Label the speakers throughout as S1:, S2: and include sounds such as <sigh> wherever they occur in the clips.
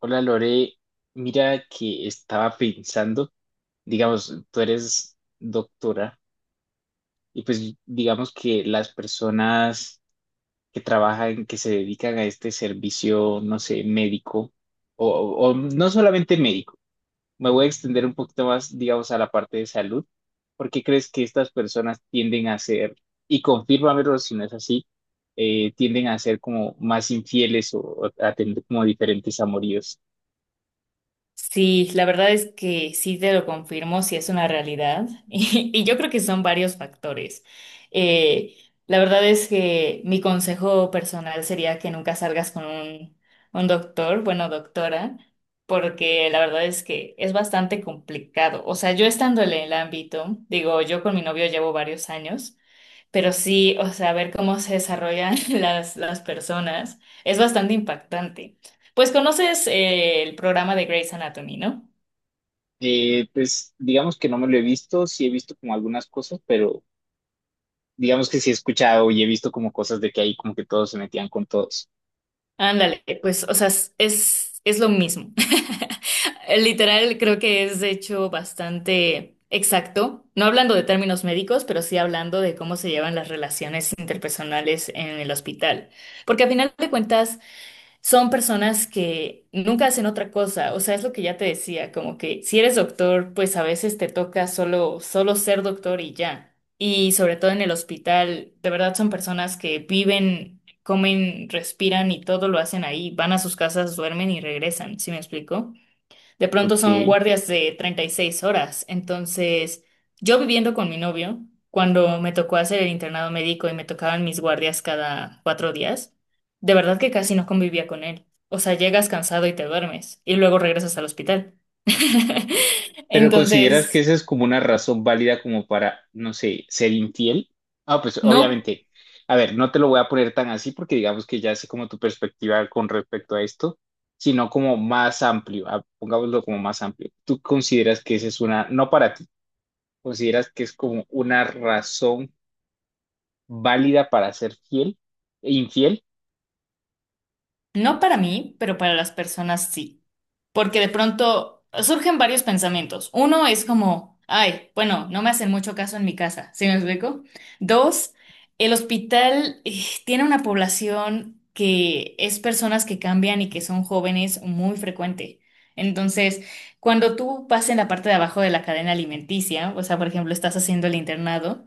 S1: Hola Lore, mira que estaba pensando, digamos, tú eres doctora y pues digamos que las personas que trabajan, que se dedican a este servicio, no sé, médico o, o no solamente médico, me voy a extender un poquito más, digamos, a la parte de salud. ¿Por qué crees que estas personas tienden a ser, y confírmamelo si no es así, tienden a ser como más infieles o a tener como diferentes amoríos?
S2: Sí, la verdad es que sí te lo confirmo, sí es una realidad. <laughs> Y yo creo que son varios factores. Eh, la verdad es que mi consejo personal sería que nunca salgas con un doctor, bueno, doctora, porque la verdad es que es bastante complicado. O sea, yo estando en el ámbito, digo, yo con mi novio llevo varios años. Pero sí, o sea, ver cómo se desarrollan <laughs> las personas es bastante impactante. Pues conoces el programa de Grey's Anatomy, ¿no?
S1: Pues digamos que no me lo he visto, sí he visto como algunas cosas, pero digamos que sí he escuchado y he visto como cosas de que ahí como que todos se metían con todos.
S2: Ándale, pues, o sea, es, es lo mismo. <laughs> Literal, creo que es de hecho bastante exacto, no hablando de términos médicos, pero sí hablando de cómo se llevan las relaciones interpersonales en el hospital. Porque a final de cuentas, son personas que nunca hacen otra cosa, o sea, es lo que ya te decía, como que si eres doctor, pues a veces te toca solo, solo ser doctor y ya. Y sobre todo en el hospital, de verdad son personas que viven, comen, respiran y todo lo hacen ahí, van a sus casas, duermen y regresan, ¿sí me explico? De pronto son
S1: Ok.
S2: guardias de 36 horas. Entonces, yo viviendo con mi novio, cuando me tocó hacer el internado médico y me tocaban mis guardias cada 4 días, de verdad que casi no convivía con él. O sea, llegas cansado y te duermes y luego regresas al hospital. <laughs>
S1: Pero ¿consideras que
S2: Entonces,
S1: esa es como una razón válida como para, no sé, ser infiel? Ah, pues
S2: no,
S1: obviamente. A ver, no te lo voy a poner tan así porque digamos que ya sé como tu perspectiva con respecto a esto, sino como más amplio, ah, pongámoslo como más amplio. ¿Tú consideras que esa es una, no para ti, consideras que es como una razón válida para ser fiel e infiel?
S2: no para mí, pero para las personas sí. Porque de pronto surgen varios pensamientos. Uno es como, ay, bueno, no me hacen mucho caso en mi casa, ¿sí me explico? Dos, el hospital tiene una población que es personas que cambian y que son jóvenes muy frecuente. Entonces, cuando tú vas en la parte de abajo de la cadena alimenticia, o sea, por ejemplo, estás haciendo el internado,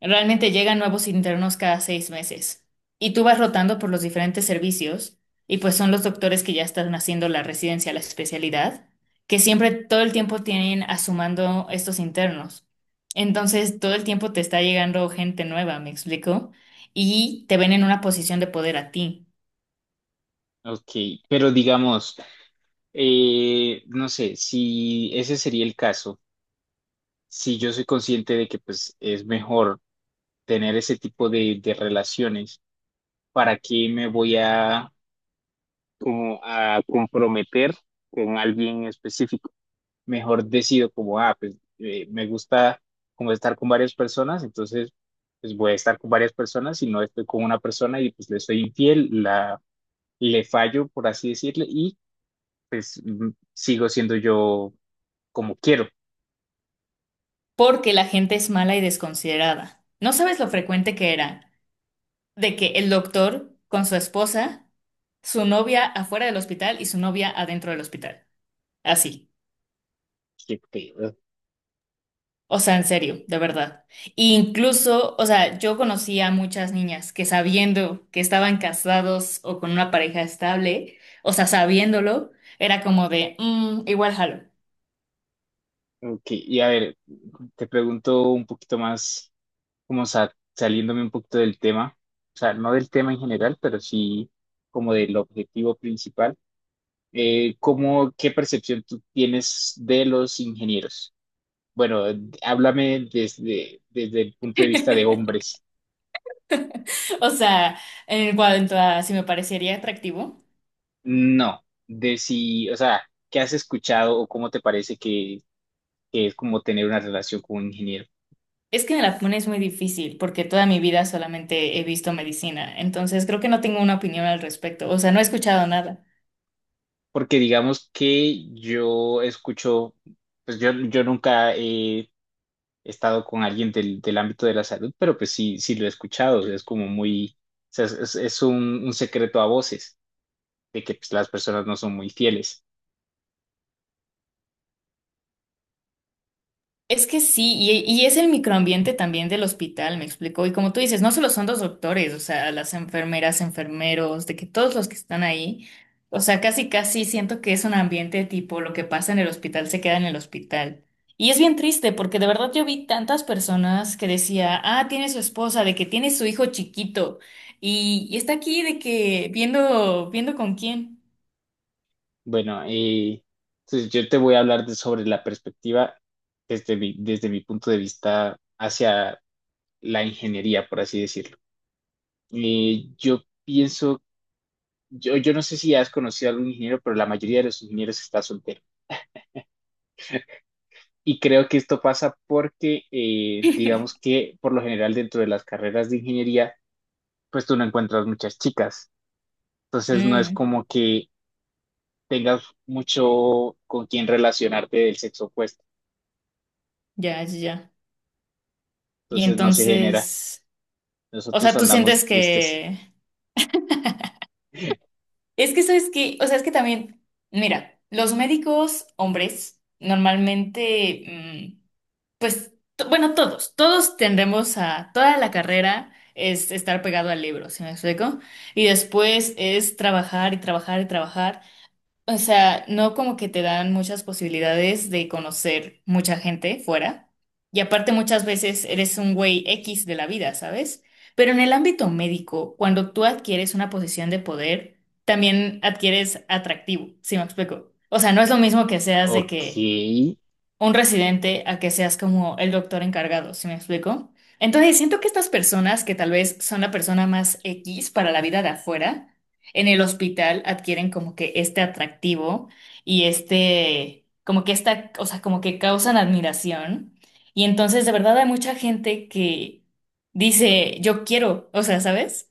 S2: realmente llegan nuevos internos cada 6 meses y tú vas rotando por los diferentes servicios y pues son los doctores que ya están haciendo la residencia, la especialidad, que siempre todo el tiempo tienen asumando estos internos. Entonces, todo el tiempo te está llegando gente nueva, ¿me explico? Y te ven en una posición de poder a ti,
S1: Ok, pero digamos, no sé, si ese sería el caso, si yo soy consciente de que pues es mejor tener ese tipo de relaciones, ¿para qué me voy a, como a comprometer con alguien específico? Mejor decido como, ah, pues me gusta como estar con varias personas, entonces pues voy a estar con varias personas y no estoy con una persona y pues le soy infiel, la le fallo, por así decirle, y pues sigo siendo yo como quiero.
S2: porque la gente es mala y desconsiderada. No sabes lo frecuente que era de que el doctor con su esposa, su novia afuera del hospital y su novia adentro del hospital. Así.
S1: Qué pedo.
S2: O sea, en serio, de verdad. Incluso, o sea, yo conocí a muchas niñas que sabiendo que estaban casados o con una pareja estable, o sea, sabiéndolo, era como de, "Mm, igual jalo.
S1: Ok, y a ver, te pregunto un poquito más, como saliéndome un poquito del tema, o sea, no del tema en general, pero sí como del objetivo principal. ¿Cómo, qué percepción tú tienes de los ingenieros? Bueno, háblame desde, desde el punto de vista de
S2: <laughs>
S1: hombres.
S2: O sea, en cuanto a si me parecería atractivo,
S1: No, de si, o sea, ¿qué has escuchado o cómo te parece que es como tener una relación con un ingeniero?
S2: es que me la pones muy difícil porque toda mi vida solamente he visto medicina, entonces creo que no tengo una opinión al respecto, o sea, no he escuchado nada.
S1: Porque digamos que yo escucho, pues yo, nunca he estado con alguien del, del ámbito de la salud, pero pues sí, sí lo he escuchado, o sea, es como muy, o sea, es, es un secreto a voces de que pues, las personas no son muy fieles.
S2: Es que sí, y es el microambiente también del hospital, me explico. Y como tú dices, no solo son los doctores, o sea, las enfermeras, enfermeros, de que todos los que están ahí, o sea, casi casi siento que es un ambiente tipo lo que pasa en el hospital se queda en el hospital. Y es bien triste porque de verdad yo vi tantas personas que decía, ah, tiene su esposa, de que tiene su hijo chiquito y está aquí de que viendo, viendo con quién.
S1: Bueno, entonces yo te voy a hablar sobre la perspectiva desde mi punto de vista hacia la ingeniería, por así decirlo. Eh, yo pienso Yo, no sé si has conocido a algún ingeniero, pero la mayoría de los ingenieros está soltero. Y creo que esto pasa porque, digamos
S2: <laughs>
S1: que por lo general dentro de las carreras de ingeniería, pues tú no encuentras muchas chicas. Entonces no es
S2: Mm,
S1: como que tengas mucho con quien relacionarte del sexo opuesto.
S2: ya, ya, ya. Y
S1: Entonces no se genera.
S2: entonces... O
S1: Nosotros
S2: sea, tú
S1: andamos
S2: sientes
S1: tristes.
S2: que...
S1: <laughs>
S2: Es que sabes que, o sea, es que también, mira, los médicos hombres normalmente, mm, pues, bueno, todos, todos tendemos a, toda la carrera es estar pegado al libro, ¿sí me explico? Y después es trabajar y trabajar y trabajar. O sea, no como que te dan muchas posibilidades de conocer mucha gente fuera. Y aparte muchas veces eres un güey X de la vida, ¿sabes? Pero en el ámbito médico, cuando tú adquieres una posición de poder, también adquieres atractivo, ¿si me explico? O sea, no es lo mismo que seas de
S1: Ok,
S2: que un residente a que seas como el doctor encargado, ¿sí me explico? Entonces, siento que estas personas que tal vez son la persona más X para la vida de afuera, en el hospital adquieren como que este atractivo y este, como que esta, o sea, como que causan admiración. Y entonces, de verdad, hay mucha gente que dice, yo quiero, o sea, ¿sabes?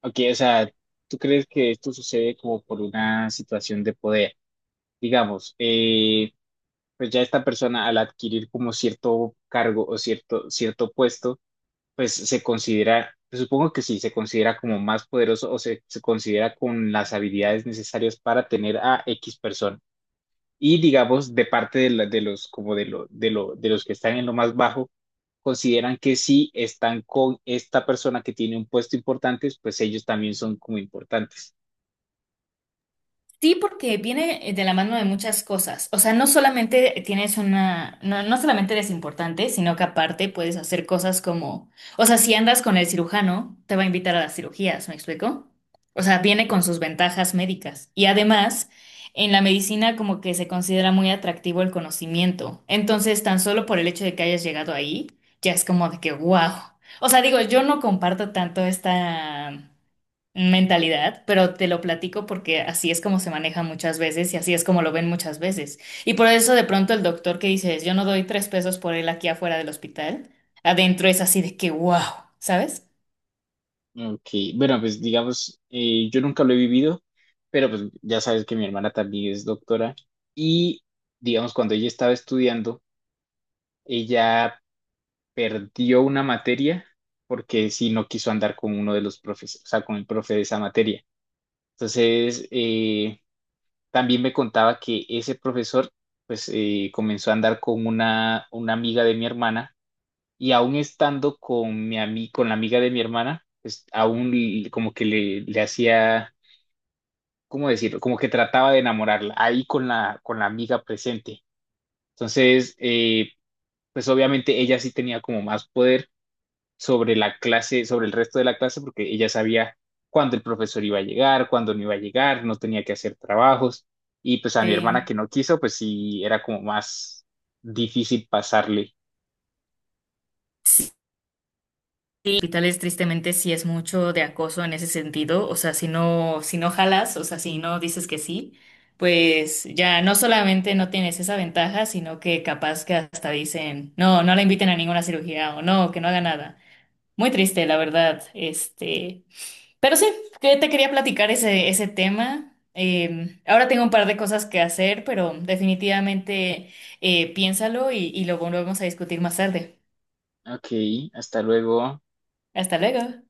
S1: ok, o sea, ¿tú crees que esto sucede como por una situación de poder? Digamos, pues ya esta persona al adquirir como cierto cargo o cierto, cierto puesto, pues se considera, pues, supongo que sí, se considera como más poderoso o se considera con las habilidades necesarias para tener a X persona. Y digamos, de parte de, de los, como de, lo, de, lo, de los que están en lo más bajo, consideran que si están con esta persona que tiene un puesto importante, pues ellos también son como importantes.
S2: Sí, porque viene de la mano de muchas cosas. O sea, no solamente tienes una, no, no solamente eres importante, sino que aparte puedes hacer cosas como, o sea, si andas con el cirujano, te va a invitar a las cirugías, ¿me explico? O sea, viene con sus ventajas médicas. Y además, en la medicina como que se considera muy atractivo el conocimiento. Entonces, tan solo por el hecho de que hayas llegado ahí, ya es como de que, wow. O sea, digo, yo no comparto tanto esta mentalidad, pero te lo platico porque así es como se maneja muchas veces y así es como lo ven muchas veces. Y por eso de pronto el doctor que dices, yo no doy tres pesos por él aquí afuera del hospital, adentro es así de que, wow, ¿sabes?
S1: Ok, bueno, pues digamos, yo nunca lo he vivido, pero pues ya sabes que mi hermana también es doctora y digamos, cuando ella estaba estudiando, ella perdió una materia porque sí no quiso andar con uno de los profes, o sea, con el profe de esa materia. Entonces, también me contaba que ese profesor, pues, comenzó a andar con una amiga de mi hermana y aún estando con con la amiga de mi hermana, pues aún como que le hacía, ¿cómo decirlo? Como que trataba de enamorarla ahí con la amiga presente. Entonces, pues obviamente ella sí tenía como más poder sobre la clase, sobre el resto de la clase, porque ella sabía cuándo el profesor iba a llegar, cuándo no iba a llegar, no tenía que hacer trabajos. Y pues a mi hermana
S2: Sí.
S1: que no quiso, pues sí era como más difícil pasarle.
S2: Sí, hospitales tristemente sí es mucho de acoso en ese sentido, o sea, si no, si no jalas, o sea, si no dices que sí, pues ya no solamente no tienes esa ventaja, sino que capaz que hasta dicen, no, no la inviten a ninguna cirugía o no, que no haga nada. Muy triste, la verdad. Este, pero sí, que te quería platicar ese, ese tema. Ahora tengo un par de cosas que hacer, pero definitivamente piénsalo y lo volvemos a discutir más tarde.
S1: Ok, hasta luego.
S2: Hasta luego.